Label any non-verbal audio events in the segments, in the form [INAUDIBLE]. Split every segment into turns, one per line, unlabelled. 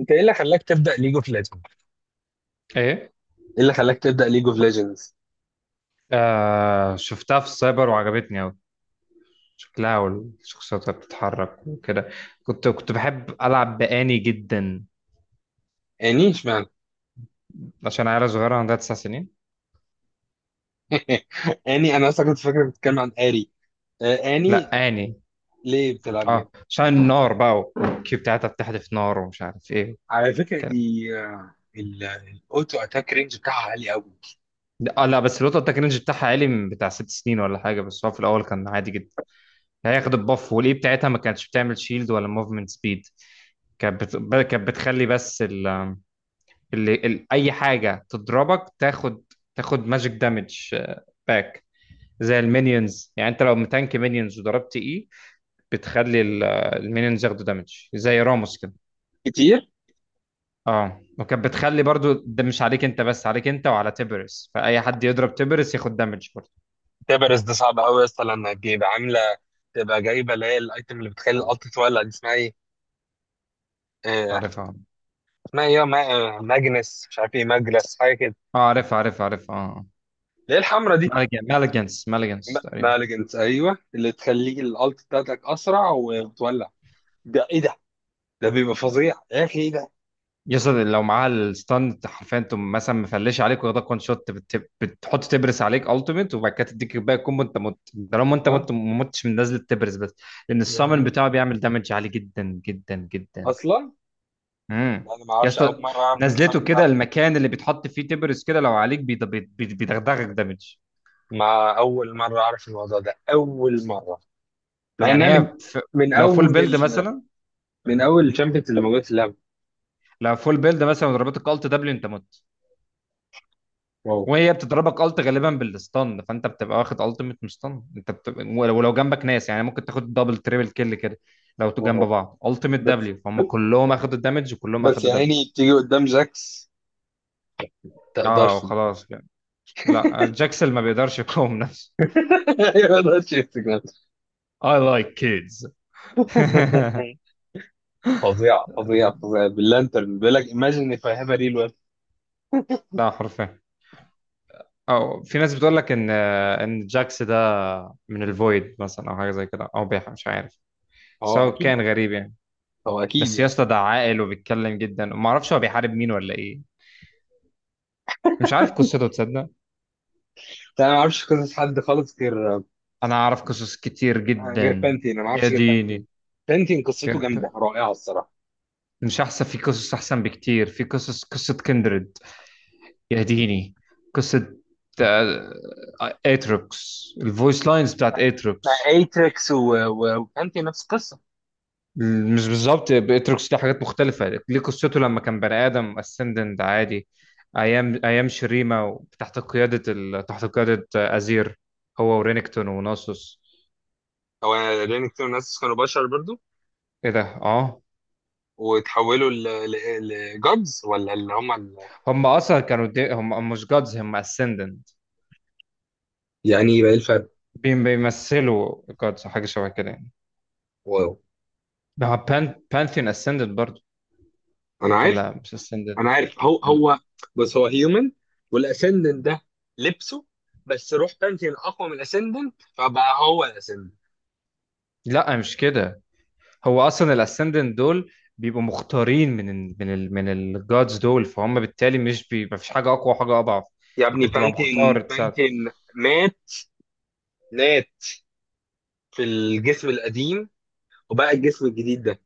انت ايه اللي خلاك تبدا ليج اوف ليجندز؟
ايه.
ايه اللي خلاك تبدا ليج اوف ليجندز؟
شفتها في السايبر وعجبتني أوي. شكلها والشخصيات اللي بتتحرك وكده. كنت بحب ألعب بأني جدا
اني اشمعنى؟
عشان عيلة صغيرة عندها تسع سنين.
[LAUGHS] اني انا اصلا كنت فاكر بتتكلم عن اري. آه، اني.
لا، آني.
ليه بتلعب
اه،
جيم؟
عشان النار بقى والكيو بتاعتها بتحدف نار ومش عارف ايه،
على فكره
كده.
دي الاوتو اتاك رينج بتاعها عالي قوي.
لا بس الوتر ده كان الرينج بتاعها عالي من بتاع ست سنين ولا حاجة، بس هو في الأول كان عادي جدا. هي خدت البف والإي بتاعتها، ما كانتش بتعمل شيلد ولا موفمنت سبيد. كانت بتخلي بس اي حاجه تضربك تاخد ماجيك دامج باك. زي المينيونز يعني، انت لو متانك مينيونز وضربت اي بتخلي ال- المينيونز ياخدوا دامج زي راموس كده.
كتير.
اه، وكانت بتخلي برضو ده مش عليك انت بس، عليك انت وعلى تبرس، فاي حد يضرب تبرس ياخد دامج برضو.
تبرز ده صعب قوي اصلا لما تبقى عامله، تبقى جايبه اللي هي الايتم اللي بتخلي الالت تولع دي اسمها ايه؟
مش
آه،
عارفها.
اسمها ايه يا ما- آه، ماجنس مش عارف ايه، ماجلس حاجه كده.
اه، عارفها عارفها عارفها اه.
اللي هي الحمرا دي.
مالجنس مالجنس تقريبا.
مالجنس ايوه، اللي تخليك الالت بتاعتك اسرع وتولع. ده ايه ده؟ ده بيبقى فظيع يا اخي، ايه ده؟
يصل لو معاها الستاند حرفيا، تقوم مثلا مفلش عليك واخدك وان شوت، بتحط تبرس عليك التيميت وبعد كده تديك باقي الكومبو، انت مت. طالما انت
اه.
مت ما متش من نزله تبرس بس، لان
ده
السامن
بي-
بتاعه بيعمل دامج عالي جدا جدا جدا.
اصلا
امم
انا ما
يا
اعرفش، اول
اسطى،
مره اعرف
نزلته
النظام بتاع
كده
بيبي.
المكان اللي بيتحط فيه تبرس كده لو عليك بيدغدغك دامج.
مع اول مره اعرف الموضوع ده اول مره. مع
يعني
انها
هي ف...
من
لو فول
اول
بيلد
ال...
مثلا،
من اول الشامبيونز اللي موجود في اللعبه.
لو فول بيلد مثلا وضربتك الت دبليو انت مت.
واو.
وهي بتضربك الت غالبا بالستان، فانت بتبقى واخد التيميت مستان، انت بتبقى. ولو جنبك ناس، يعني ممكن تاخد دبل تريبل كيل كده. لو تو جنب
واو.
بعض التيميت
بس
دبليو، فهم كلهم اخدوا الدمج وكلهم
بس
اخدوا
يا
دبل.
عيني تيجي قدام جاكس،
اه
تقدرش. [LAUGHS]
خلاص يعني. لا، جاكسل ما بيقدرش يقاوم نفسه.
ما تقدرش يمسك نفسه.
I like kids. [LAUGHS]
فظيعه فظيعه فظيعه. [LAUGHS] باللانترن بيقول لك imagine if I have a real weapon.
لا حرفيا. او في ناس بتقول لك ان جاكس ده من الفويد مثلا او حاجه زي كده او بيح مش عارف.
هو
سو
اكيد.
كان غريب يعني.
هو اكيد
بس يا
يعني.
اسطى ده عاقل وبيتكلم جدا، وما اعرفش هو بيحارب مين ولا ايه. مش عارف قصته تصدق.
بس انا ما اعرفش قصص حد خالص غير.
انا اعرف قصص كتير
غير
جدا.
بانتين، انا ما
يا
اعرفش غير بانتين.
ديني.
بانتين قصته جامده
يرب.
رائعه الصراحه.
مش احسن، في قصص احسن بكتير، في قصص قصة كندريد. يا ديني. قصة، آه، اتروكس، الفويس لاينز بتاعت
مع
اتروكس.
ايتريكس وبانتين نفس القصه.
مش بالظبط، اتروكس ليه حاجات مختلفة، ليه قصته لما كان بني ادم اسندنت عادي. ايام ايام شريمة تحت قيادة تحت قيادة ازير، هو ورينكتون وناسوس.
هو. لان كتير ناس كانوا بشر برضو،
ايه ده، اه.
وتحولوا لجادز ولا
هم اصلا كانوا دي، هم مش جادز، هم اسندنت.
يعني يبقى ايه بقى الفرق؟
بيمثلوا جادز، حاجه شبه كده يعني.
واو.
ما هو بان بانثيون اسندنت برضو،
انا عارف.
ولا مش اسندنت
انا عارف هو
كان؟
هو. بس هو هيومن. والاسندنت ده لبسه. بس روح بانتين اقوى من الاسندنت، فبقى هو الاسندنت.
لا مش كده، هو اصلا الاسندنت دول بيبقوا مختارين من ال من ال من الجادز دول، فهم بالتالي مش بي، ما فيش حاجه اقوى وحاجه اضعف.
يا
انت
ابني
بتبقى مختار
بانتين
تساعد.
بانتين. مات. مات. في الجسم القديم. وبقى الجسم الجديد ده.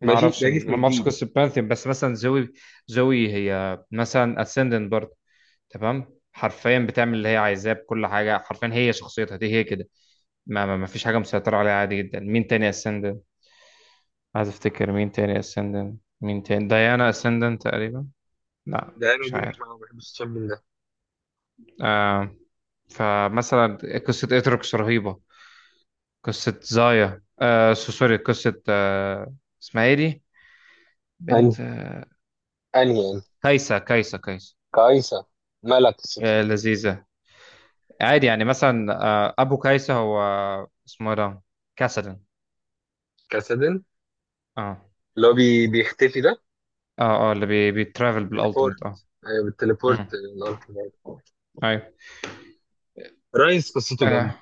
ما
ماشي،
اعرفش،
ده جسم
انا ما اعرفش
جديد.
قصه بانثيون، بس مثلا زوي. زوي هي مثلا اسندنت برضو، تمام. حرفيا بتعمل اللي هي عايزاه بكل حاجه، حرفيا هي شخصيتها دي هي كده. ما فيش حاجه مسيطره عليها عادي جدا. مين تاني اسندنت؟ عايز افتكر، مين تاني اسندنت؟ مين تاني؟ ديانا اسندنت تقريبا. لا،
ده انا
مش
دي
عارف.
نحمة أوي، ما بحبش الشم من ده.
آه فمثلا قصه اتروكس رهيبه. قصه زايا، سوري، قصه اسمها ايه دي،
أني.
بنت،
أني يعني.
كايسا كايسا كايسا.
كايسة. ملك الستر.
آه لذيذه. عادي يعني، مثلا ابو كايسا، هو اسمه إيه ده، كاسدن.
كسدن.
اه،
اللي هو بيختفي ده.
اه، اه اللي بيترافل
تليبورت.
بالالتيميت، اه.
ايوه
امم
بالتليبورت اللي هو بتاع الأرض.
ايوه.
رايس قصته جامدة.
اه،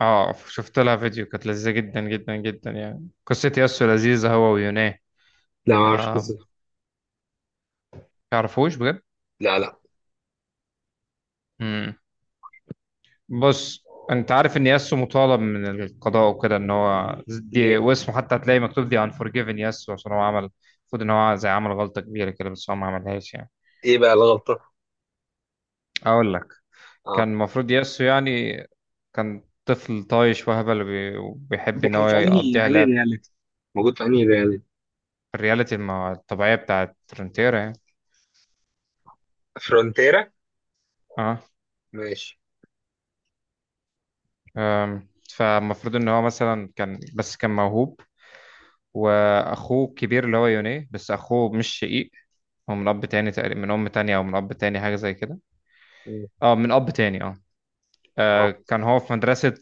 شفت لها فيديو كانت لذيذة جدا جدا جدا، يعني قصة ياسو لذيذة، هو ويوناه.
لا ما اعرفش
آه
قصته.
تعرفوش بجد.
لا لا.
امم بص، انت عارف ان ياسو مطالب من القضاء وكده، ان هو دي
ليه؟
واسمه حتى هتلاقي مكتوب دي انفورجيفن ياسو، عشان هو عمل المفروض ان هو زي عمل غلطة كبيرة كده، بس هو ما عملهاش يعني.
ايه بقى الغلطة؟
اقول لك،
اه.
كان المفروض ياسو يعني، كان طفل طايش وهبل وبيحب
ده
ان
كان
هو
في أنهي
يقضيها
أنهي
لعب.
رياليتي، موجود في انهي ريال؟
الرياليتي الطبيعية بتاعت فرونتيرا يعني.
فرونتيرا.
اه.
ماشي.
أم، فالمفروض ان هو مثلا كان بس كان موهوب، واخوه الكبير اللي هو يوني، بس اخوه مش شقيق، هو من اب تاني تقريبا، من ام تانية او من اب تاني حاجة زي كده.
مم.
اه، من اب تاني اه.
اه
كان هو في مدرسة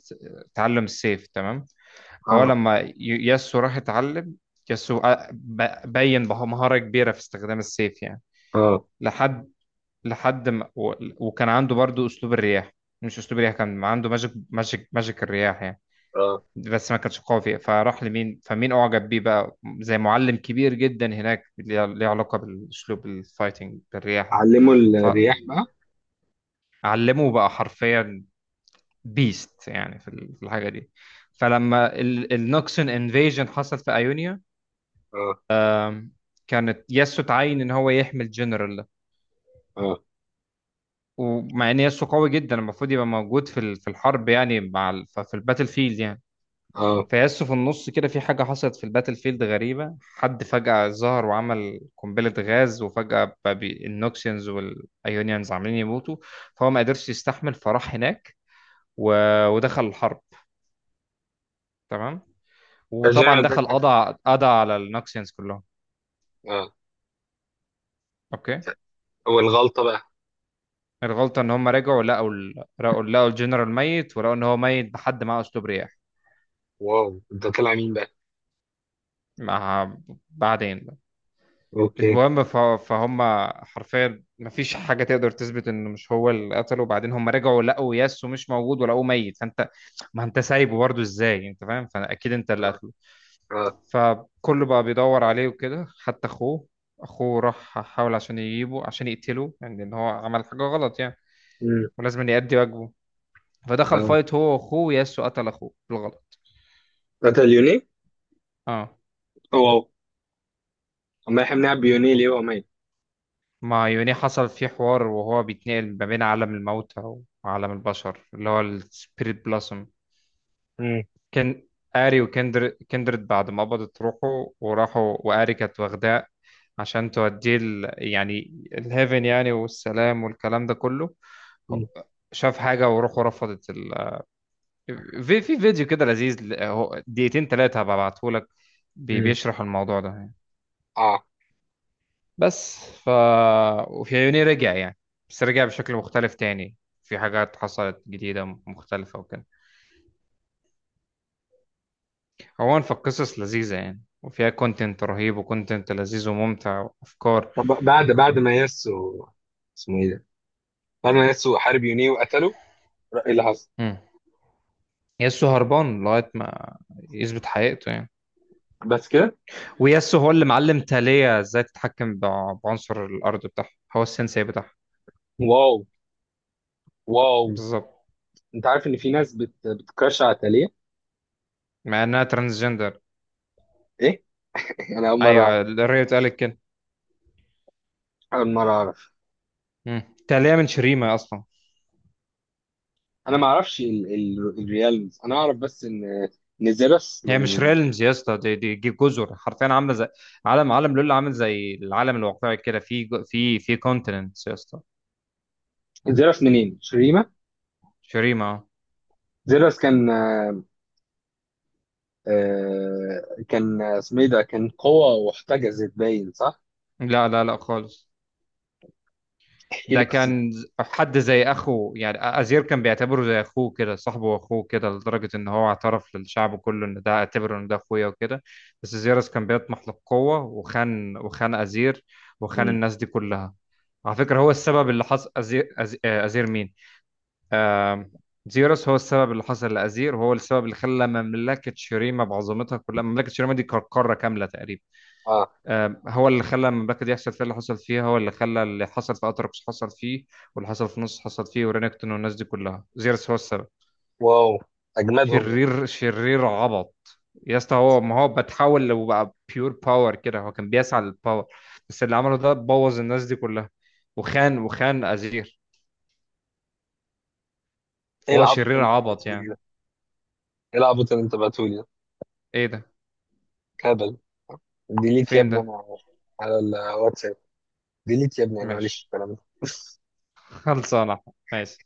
تعلم السيف، تمام. فهو
اه
لما ياسو راح يتعلم، ياسو بين مهارة كبيرة في استخدام السيف يعني.
اه
لحد لحد ما وكان عنده برضو اسلوب الرياح. مش اسلوب الرياح، كان عنده ماجيك، ماجيك ماجيك الرياح يعني،
اه.
بس ما كانش قوي فيه. فراح لمين، فمين اعجب بيه بقى، زي معلم كبير جدا هناك، ليه ليه علاقة بالاسلوب الفايتنج بالرياح ده.
علموا الرياح بقى.
فعلمه بقى حرفيا، بيست يعني في في الحاجة دي. فلما النوكسون انفيجن حصل في ايونيا،
اه
كانت ياسو تعين ان هو يحمي الجنرال.
اه
ومع ان ياسو قوي جدا المفروض يبقى موجود في في الحرب يعني، مع في الباتل فيلد يعني.
اه.
فياسو في النص كده في حاجه حصلت في الباتل فيلد غريبه، حد فجاه ظهر وعمل قنبله غاز، وفجاه بقى النوكسيانز والايونيانز عاملين يموتوا، فهو ما قدرش يستحمل، فراح هناك و... ودخل الحرب، تمام. وطبعا
فالجنرال ده
دخل،
اتقتل.
قضى على النوكسيانز كلهم.
اه.
اوكي.
ف- والغلطة بقى.
الغلطه ان هم رجعوا لقوا لقوا الجنرال ميت، ولقوا ان هو ميت بحد معاه اسلوب رياح.
واو، ده طلع مين بقى؟
مع، بعدين،
اوكي.
المهم فهم حرفيا مفيش حاجه تقدر تثبت انه مش هو اللي قتله. وبعدين هم رجعوا لقوا ياسو مش موجود ولقوه ميت. فانت، ما انت سايبه برضه، ازاي انت فاهم، فاكيد انت اللي
اه
قتله.
اه.
فكله بقى بيدور عليه وكده، حتى اخوه. اخوه راح حاول عشان يجيبه، عشان يقتله يعني، ان هو عمل حاجه غلط يعني،
مم.
ولازم يأدي واجبه. فدخل
اه.
فايت هو واخوه، ياسو قتل اخوه بالغلط.
قتل يوني؟
اه.
واو. ما يحملها بيوني ليه وماي؟
مع يوني حصل فيه حوار وهو بيتنقل ما بين عالم الموتى وعالم البشر اللي هو السبيريت بلاسم.
مم.
كان آري كندرد بعد ما قبضت روحه وراحوا، وآري كانت واخداه عشان توديه يعني الهيفن يعني، والسلام والكلام ده كله. هو-
مم.
شاف حاجة وروحه رفضت في فيديو كده لذيذ هو دقيقتين تلاتة هبعتهولك،
مم.
بيشرح الموضوع ده يعني.
اه.
بس ف، وفي عيوني رجع يعني، بس رجع بشكل مختلف تاني، في حاجات حصلت جديدة مختلفة وكده. عموما فالقصص لذيذة يعني، وفيها كونتنت رهيب وكونتنت لذيذ وممتع وأفكار
طب بعد
و...
ما ياسو اسمه ايه ده؟ بعد ما ياسو حارب يوني وقتله، ايه اللي حصل؟
مم. ياسو هربان لغاية ما يثبت حقيقته يعني.
بس كده؟
وياسو هو اللي معلم تالية ازاي تتحكم بعنصر الأرض بتاعها، هو السensei بتاعها،
واو واو.
بالظبط.
انت عارف ان في ناس بتكرش على تالية؟
مع إنها ترانسجندر.
ايه؟ [LAUGHS] انا اول مره
أيوة
اعرف.
الريت اتقالت كده.
اول مره اعرف.
مم. تالية من شريمة أصلا.
انا ما اعرفش الريالز، انا اعرف بس ان زيروس
هي مش
من.
ريلمز يا اسطى، دي جزر حرفيا، عامله زي عالم، عالم لول عامل زي العالم الواقعي كده، في في في كونتيننتس يا اسطى.
زيروس منين؟ شريمه؟
شريمه.
زيروس كان. كان اسمه ايه ده، كان قوة واحتجزت باين صح؟
لا لا لا خالص.
احكي لي
ده
قصة.
كان حد زي اخوه يعني، ازير كان بيعتبره زي اخوه كده، صاحبه واخوه كده، لدرجه ان هو اعترف للشعب كله ان ده، اعتبره ان ده اخويا وكده. بس زيرس كان بيطمح للقوه، وخان وخان ازير، وخان
مم.
الناس دي كلها. على فكره هو السبب اللي حصل ازير، ازير مين، آم، زيرس هو السبب اللي حصل لازير، وهو السبب اللي خلى مملكه شريمه بعظمتها كلها، مملكه شريمه دي كانت قاره كامله تقريبا.
اه.
هو اللي خلى المملكه دي يحصل فيها اللي حصل فيها، هو اللي خلى اللي حصل في اتركس حصل فيه، واللي حصل في نص حصل فيه ورينكتون والناس دي كلها، زيرس هو السبب.
واو. اجمدهم يعني.
شرير شرير عبط. يا اسطى هو ما هو بتحول وبقى بيور باور كده، هو كان بيسعى للباور، بس اللي عمله ده بوظ الناس دي كلها، وخان وخان ازير،
ايه
فهو
العبط
شرير
اللي انت
عبط
بعتهولي
يعني.
ده؟ ايه العبط اللي انت بعتهولي ده؟
ايه ده،
كابل. ديليت يا
فين
ابني
ده،
انا، على الواتساب. ديليت يا ابني انا ماليش
ماشي.
في الكلام ده. [LAUGHS]
[LAUGHS] خلصانه. ماشي.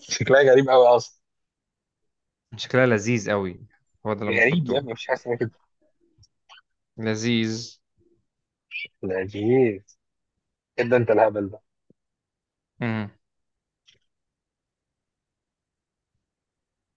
شكلها غريب قوي اصلا.
شكلها لذيذ قوي. هو ده اللي المفروض
غريب يا
تقول،
ابني، مش حاسس انك كده.
لذيذ.
لا جيز. كده انت الهبل ده.
مم.